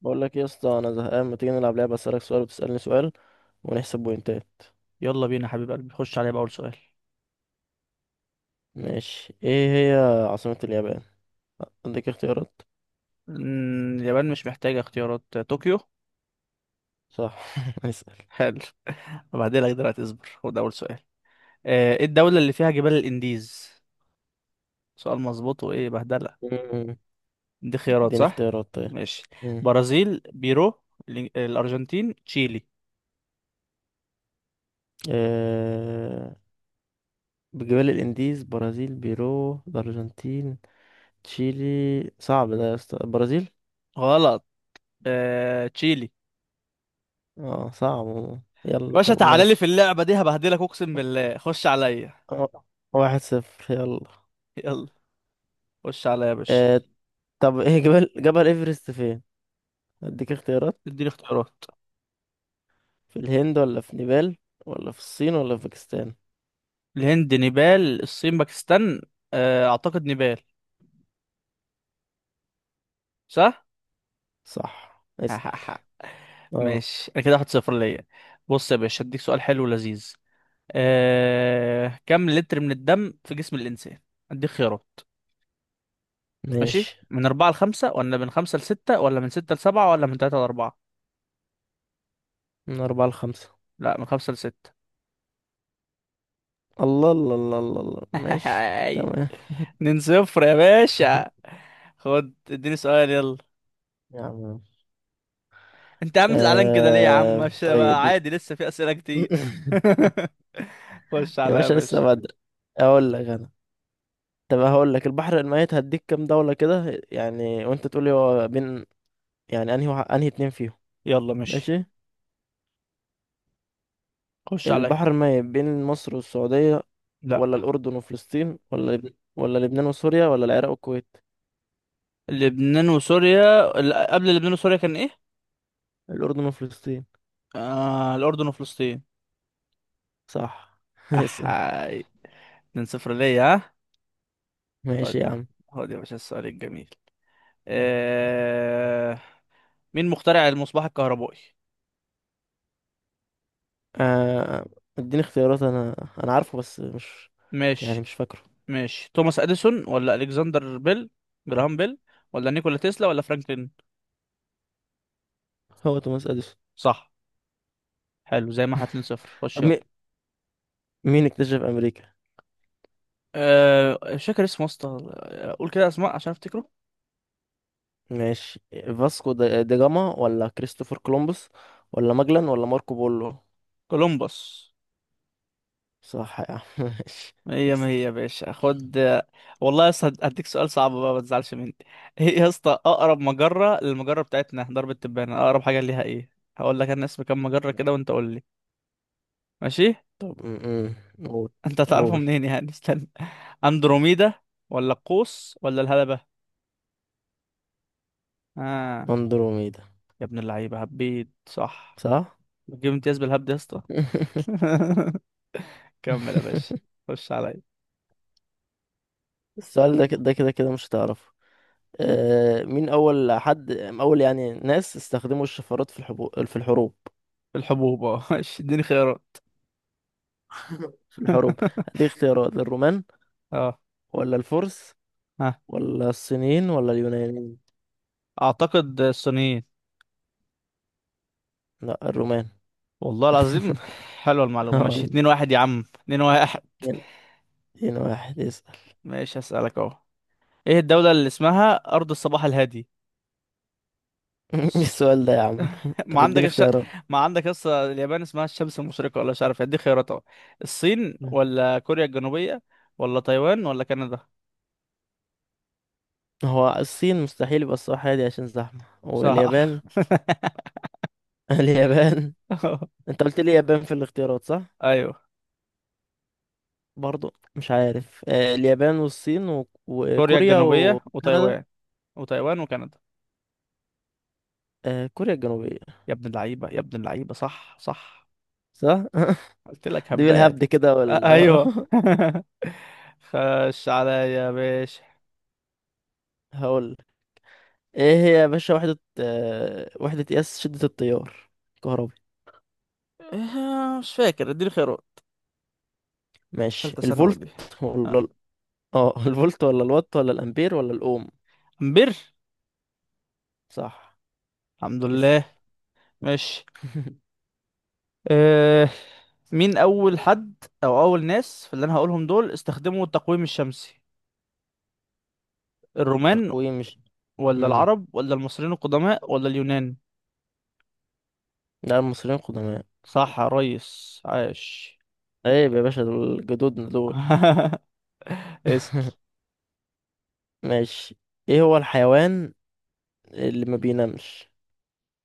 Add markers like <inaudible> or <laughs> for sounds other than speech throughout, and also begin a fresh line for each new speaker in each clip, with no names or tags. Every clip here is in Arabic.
بقول لك يا اسطى، انا زهقان. ما تيجي نلعب لعبه اسالك سؤال وتسالني سؤال ونحسب بوينتات.
يلا بينا حبيب قلبي، خش عليا بأول سؤال.
ماشي. ايه هي عاصمه اليابان؟ عندك اختيارات.
اليابان مش محتاجة اختيارات. طوكيو.
صح. <laughs> اسال.
حلو. <laughs> وبعدين لك دلوقتي اصبر، خد أول سؤال. ايه الدولة اللي فيها جبال الإنديز؟ سؤال مظبوط وإيه بهدلة.
مم.
دي خيارات
اديني
صح.
اختيارات طيب.
ماشي،
مم.
برازيل، بيرو، الأرجنتين، تشيلي.
آه... بجبال الانديز، برازيل بيرو الارجنتين تشيلي. صعب ده يا اسطى، البرازيل.
غلط. تشيلي.
اه صعب.
يا
يلا
باشا،
طب
تعالى لي في
ماشي.
اللعبة دي هبهدلك، أقسم بالله. خش عليا.
آه، واحد صفر. يلا.
يلا. خش عليا يا باشا.
آه... طب ايه، جبل ايفرست فين؟ اديك اختيارات.
اديني اختيارات.
في الهند ولا في نيبال ولا في الصين ولا في باكستان؟
الهند، نيبال، الصين، باكستان. أعتقد نيبال. صح.
صح. اسأل.
<laughs>
اه.
ماشي، انا كده 1-0 ليا. بص يا باشا، اديك سؤال حلو ولذيذ. كم لتر من الدم في جسم الانسان؟ اديك خيارات. ماشي،
ماشي،
من أربعة لخمسة ولا من خمسة لستة ولا من ستة لسبعة ولا من تلاتة لأربعة؟
من أربعة لخمسة.
لا، من خمسة لستة.
الله الله الله الله الله، ماشي
<laughs>
تمام.
2-0 يا باشا.
<laughs>
خد، اديني سؤال، يلا.
يا عم،
انت يا عم زعلان كده ليه يا عم؟ مش بقى
طيب.
عادي، لسه في أسئلة كتير.
<laughs>
<laughs> خش
يا
عليا يا
باشا لسه
باشا.
بدري. اقول لك انا. طب هقول لك، البحر الميت هديك كام دولة كده يعني وانت تقولي هو بين يعني انهي اتنين فيهم.
يلا ماشي.
ماشي.
خش
البحر
عليا.
الميت بين مصر والسعودية،
لا،
ولا الأردن وفلسطين، ولا لبنان وسوريا، ولا العراق والكويت؟
لبنان وسوريا، قبل لبنان وسوريا كان ايه؟
الأردن وفلسطين.
آه، الأردن وفلسطين.
صح. <laughs> اسأل.
أحاي. 2-0 ليا، ها؟ خد،
ماشي يا عم.
خد يا باشا السؤال الجميل. آه... مين مخترع المصباح الكهربائي؟
آه، اديني اختيارات انا عارفه بس مش يعني
ماشي.
مش فاكره.
ماشي، توماس أديسون ولا ألكسندر بيل، جراهام بيل، ولا نيكولا تسلا ولا فرانكلين؟
هو توماس اديسون.
صح. حلو، زي ما احنا 2-0. خش
طب
يلا.
مين اكتشف امريكا؟
مش فاكر اسمه يا اسطى، قول كده اسماء عشان افتكره.
ماشي. فاسكو دا جاما ولا كريستوفر كولومبوس ولا ماجلان ولا ماركو بولو؟
كولومبوس.
صح يا عم. <laughs> ماشي
هي ما
اسأل.
هي يا باشا، خد. والله يا اسطى هديك سؤال صعب بقى، ما تزعلش مني. <laughs> ايه يا اسطى اقرب مجرة للمجرة بتاعتنا درب التبانة؟ اقرب حاجة ليها ايه؟ هقول لك انا اسم كام مجرة كده وانت قول لي. ماشي.
طب م- م. قول.
<laughs> انت هتعرفه
قول.
منين يعني؟ <laughs> استنى. اندروميدا، ولا القوس، ولا الهلبة. اه.
اندروميدا.
يا ابن اللعيبة، هبيت صح.
صح.
بتجيب امتياز بالهبد يا اسطى.
<laughs>
<laughs> كمل يا باشا. خش عليا.
السؤال ده كده ده كده كده مش هتعرفه. مين أول حد، أول يعني ناس استخدموا الشفرات في في الحروب؟
الحبوب، اه. <laughs> ماشي، اديني خيارات.
<laughs> في الحروب.
<laughs>
دي اختيارات. الرومان
اه،
ولا الفرس
ها.
ولا الصينيين ولا اليونانيين؟
اعتقد الصينيين.
لا، الرومان.
والله العظيم.
<laughs>
حلوة المعلومة. ماشي،
اه
2-1 يا عم، اتنين واحد.
اتنين. اتنين واحد. اسأل.
ماشي، هسألك اهو. ايه الدولة اللي اسمها أرض الصباح الهادي؟
<laughs> ايه
س-
السؤال ده يا عم؟
<laughs> ما
طب
عندك
اديني
الش...
اختيارات.
ما عندك لسه اليابان اسمها الشمس المشرقة، ولا مش عارف، ادي خيارات اهو. الصين،
<laughs>
ولا كوريا الجنوبية، ولا تايوان، ولا كندا.
هو الصين مستحيل يبقى الصراحة دي عشان زحمة.
صح.
واليابان. <laughs> اليابان.
<laughs>
انت قلت لي اليابان في الاختيارات، صح؟
ايوه.
برضو مش عارف. اليابان والصين
كوريا
وكوريا
الجنوبية
وكندا.
وتايوان وكندا.
كوريا الجنوبية.
يا ابن اللعيبة، يا ابن اللعيبة، صح صح.
صح؟
قلت
<laughs>
لك
دي بالهبد
هبات.
كده. وال آه،
ايوه. <laughs> خش عليا يا باشا.
<laughs> هقول. ايه هي يا باشا وحدة قياس شدة التيار الكهربي؟
مش فاكر، اديني خيارات.
ماشي.
تالتة ثانوي
الفولت
دي. آه،
ولا <laughs> الفولت ولا الوات ولا الأمبير ولا الأوم؟
امبير.
صح.
الحمد لله.
اسأل.
ماشي.
<laughs>
أه. مين أول حد، أو أول ناس في اللي أنا هقولهم دول استخدموا التقويم الشمسي؟ الرومان،
تقويم مش
ولا
مم.
العرب، ولا المصريين القدماء، ولا اليونان؟
لا، المصريين قدماء.
صح يا ريس، عاش.
عيب يا باشا، دول جدودنا دول.
<laughs> اسأل.
<laughs> ماشي. ايه هو الحيوان اللي ما بينامش؟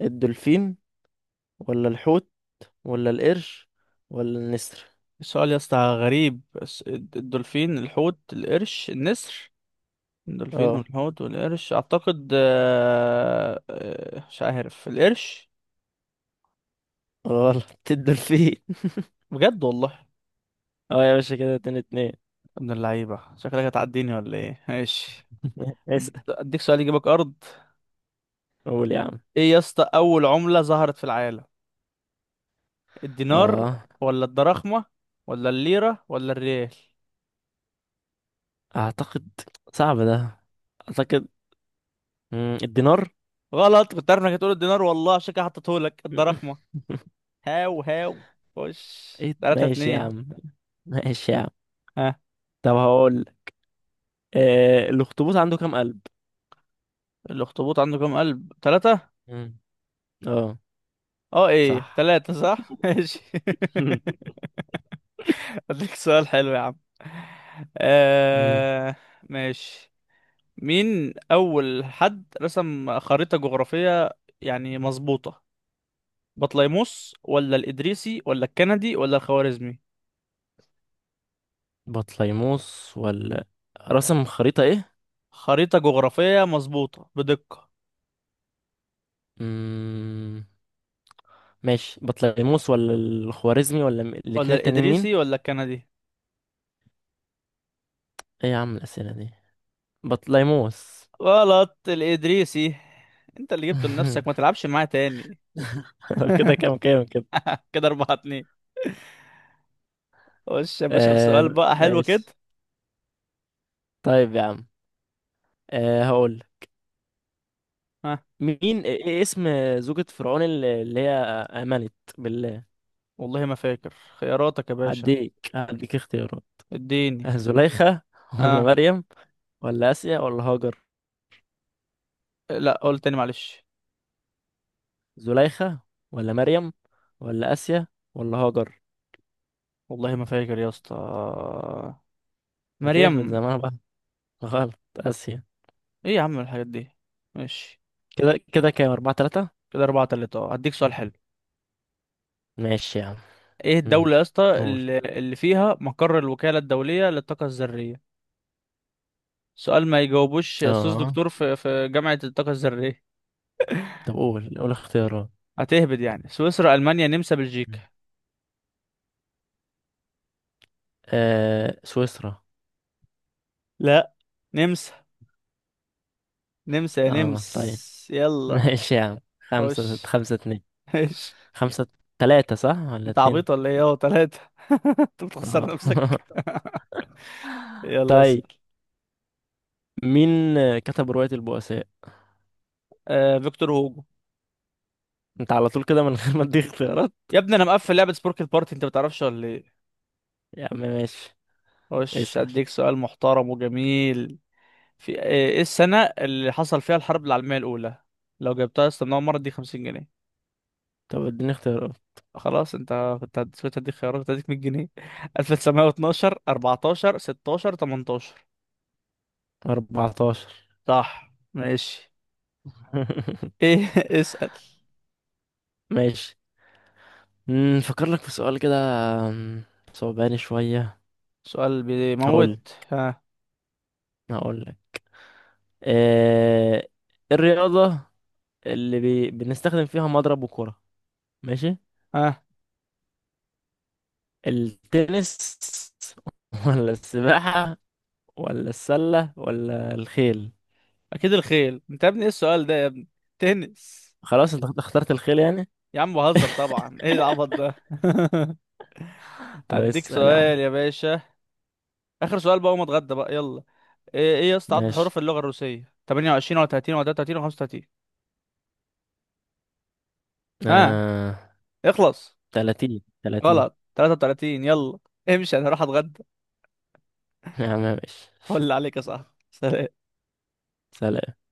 الدولفين ولا الحوت ولا القرش ولا النسر؟
السؤال يا اسطى غريب، بس الدولفين، الحوت، القرش، النسر. الدولفين
آه.
والحوت والقرش، أعتقد مش عارف، القرش.
غلط. <laughs> الدولفين.
بجد والله.
اه يا باشا كده اتنين اتنين.
ابن اللعيبة، شكلك هتعديني ولا ايه؟ ماشي. أديك
اسأل.
أديك سؤال يجيبك أرض.
قول يا عم.
ايه يا اسطى أول عملة ظهرت في العالم؟ الدينار،
اه.
ولا الدراخمة، ولا الليرة، ولا الريال؟
اعتقد. صعب ده. اعتقد، الدينار.
غلط. كنت عارف انك هتقول الدينار والله، عشان كده حطيتهولك الدراخمة.
<laughs>
هاو هاو. خش.
ايه ده؟
تلاتة
ماشي يا
اتنين
عم. ماشي يا عم.
ها.
طب هقول. الاخطبوط عنده كام قلب؟
الأخطبوط عنده كام قلب؟ تلاتة.
مم. اه.
اه، ايه
صح.
تلاتة. صح، ماشي.
<laughs>
<laughs> أديك سؤال حلو يا عم.
مم.
آه... ماشي. مين أول حد رسم خريطة جغرافية، يعني مظبوطة؟ بطليموس، ولا الإدريسي، ولا الكندي، ولا الخوارزمي؟
بطليموس ولا. رسم خريطة ايه؟
خريطة جغرافية مظبوطة بدقة.
مم. ماشي، بطليموس ولا الخوارزمي ولا
ولا
الاتنين التانيين مين؟
الإدريسي، ولا الكندي.
ايه يا عم الأسئلة دي. بطليموس.
غلط، الإدريسي. انت اللي جبته لنفسك، ما
<laughs>
تلعبش معاه تاني.
كده
<laughs>
كام كده.
كده 4-2. خش يا باشا بسؤال
آه
بقى حلو كده.
ماشي. طيب يا عم. هقول.
ها.
مين، إيه اسم زوجة فرعون اللي هي آمنت بالله؟
والله ما فاكر خياراتك يا باشا.
هديك اختيارات.
اديني.
زليخة ولا
ها.
مريم ولا آسيا ولا هاجر.
لا، قول تاني، معلش.
زليخة ولا مريم ولا آسيا ولا هاجر.
والله ما فاكر يا اسطى.
ما تيه من
مريم.
زمان بقى. غلط، آسيا.
ايه يا عم الحاجات دي؟ ماشي.
كده كده كام؟ أربعة تلاتة.
كده 4-3، اه. هديك سؤال حلو.
ماشي يا عم.
ايه
مم.
الدولة يا اسطى
قول.
اللي فيها مقر الوكالة الدولية للطاقة الذرية؟ سؤال ما يجاوبوش أستاذ
اه.
دكتور في جامعة الطاقة الذرية.
طب قول، قول اختيارات.
هتهبد يعني، سويسرا، ألمانيا، نمسا، بلجيكا.
سويسرا.
لا. نمسا. نمسا يا
اه. طيب.
نمس،
<laughs>
يلا.
ماشي يا عم. خمسة
خش.
خمسة اتنين.
ايش.
خمسة تلاتة صح ولا
انت
اتنين؟
عبيط ولا ايه؟ اهو تلاتة. <laughs> انت بتخسر
اه.
نفسك.
<laughs>
يلا اسأل.
طيب. مين كتب رواية البؤساء؟
فيكتور هوجو.
انت على طول كده من غير ما اديك اختيارات؟
يا ابني، انا مقفل لعبة سبورك البارتي، انت بتعرفش ولا ايه؟
يا عم ماشي.
خش،
اسأل.
اديك سؤال محترم وجميل. في ايه. إيه السنة اللي حصل فيها الحرب العالمية الأولى؟ لو جبتها يا اسطى من أول مرة اديك 50 جنيه.
طب اديني اختيارات.
خلاص، انت كنت كنت هديك خيارات، كنت هديك 100 جنيه. <laughs> 1912، 14، 16، 18.
14.
صح، ماشي.
<laughs>
ايه. <laughs> اسأل.
ماشي. نفكر لك في سؤال كده. أم، صعباني شوية.
سؤال
هقول
بيموت، ها.
هقول لك. إيه الرياضة اللي بنستخدم فيها مضرب وكرة؟ ماشي.
ها.
التنس. <laughs> ولا السباحة ولا السلة ولا الخيل؟
اكيد الخيل، انت يا ابني ايه السؤال ده يا ابني؟ تنس.
خلاص، انت اخترت الخيل يعني.
يا عم بهزر طبعا، ايه العبط ده؟ <laughs>
طب
هديك
اسأل يا عم.
سؤال يا باشا. اخر سؤال بقى وما اتغدى بقى، يلا. ايه يا اسطى عدد
ماشي.
حروف اللغة الروسية؟ 28 ولا 30 ولا 33 ولا 35؟ ها،
آه...
اخلص.
30. 30.
غلط، 33. يلا، امشي، انا هروح اتغدى.
يا عم ماشي.
ولا عليك يا صاحبي، سلام.
سلام.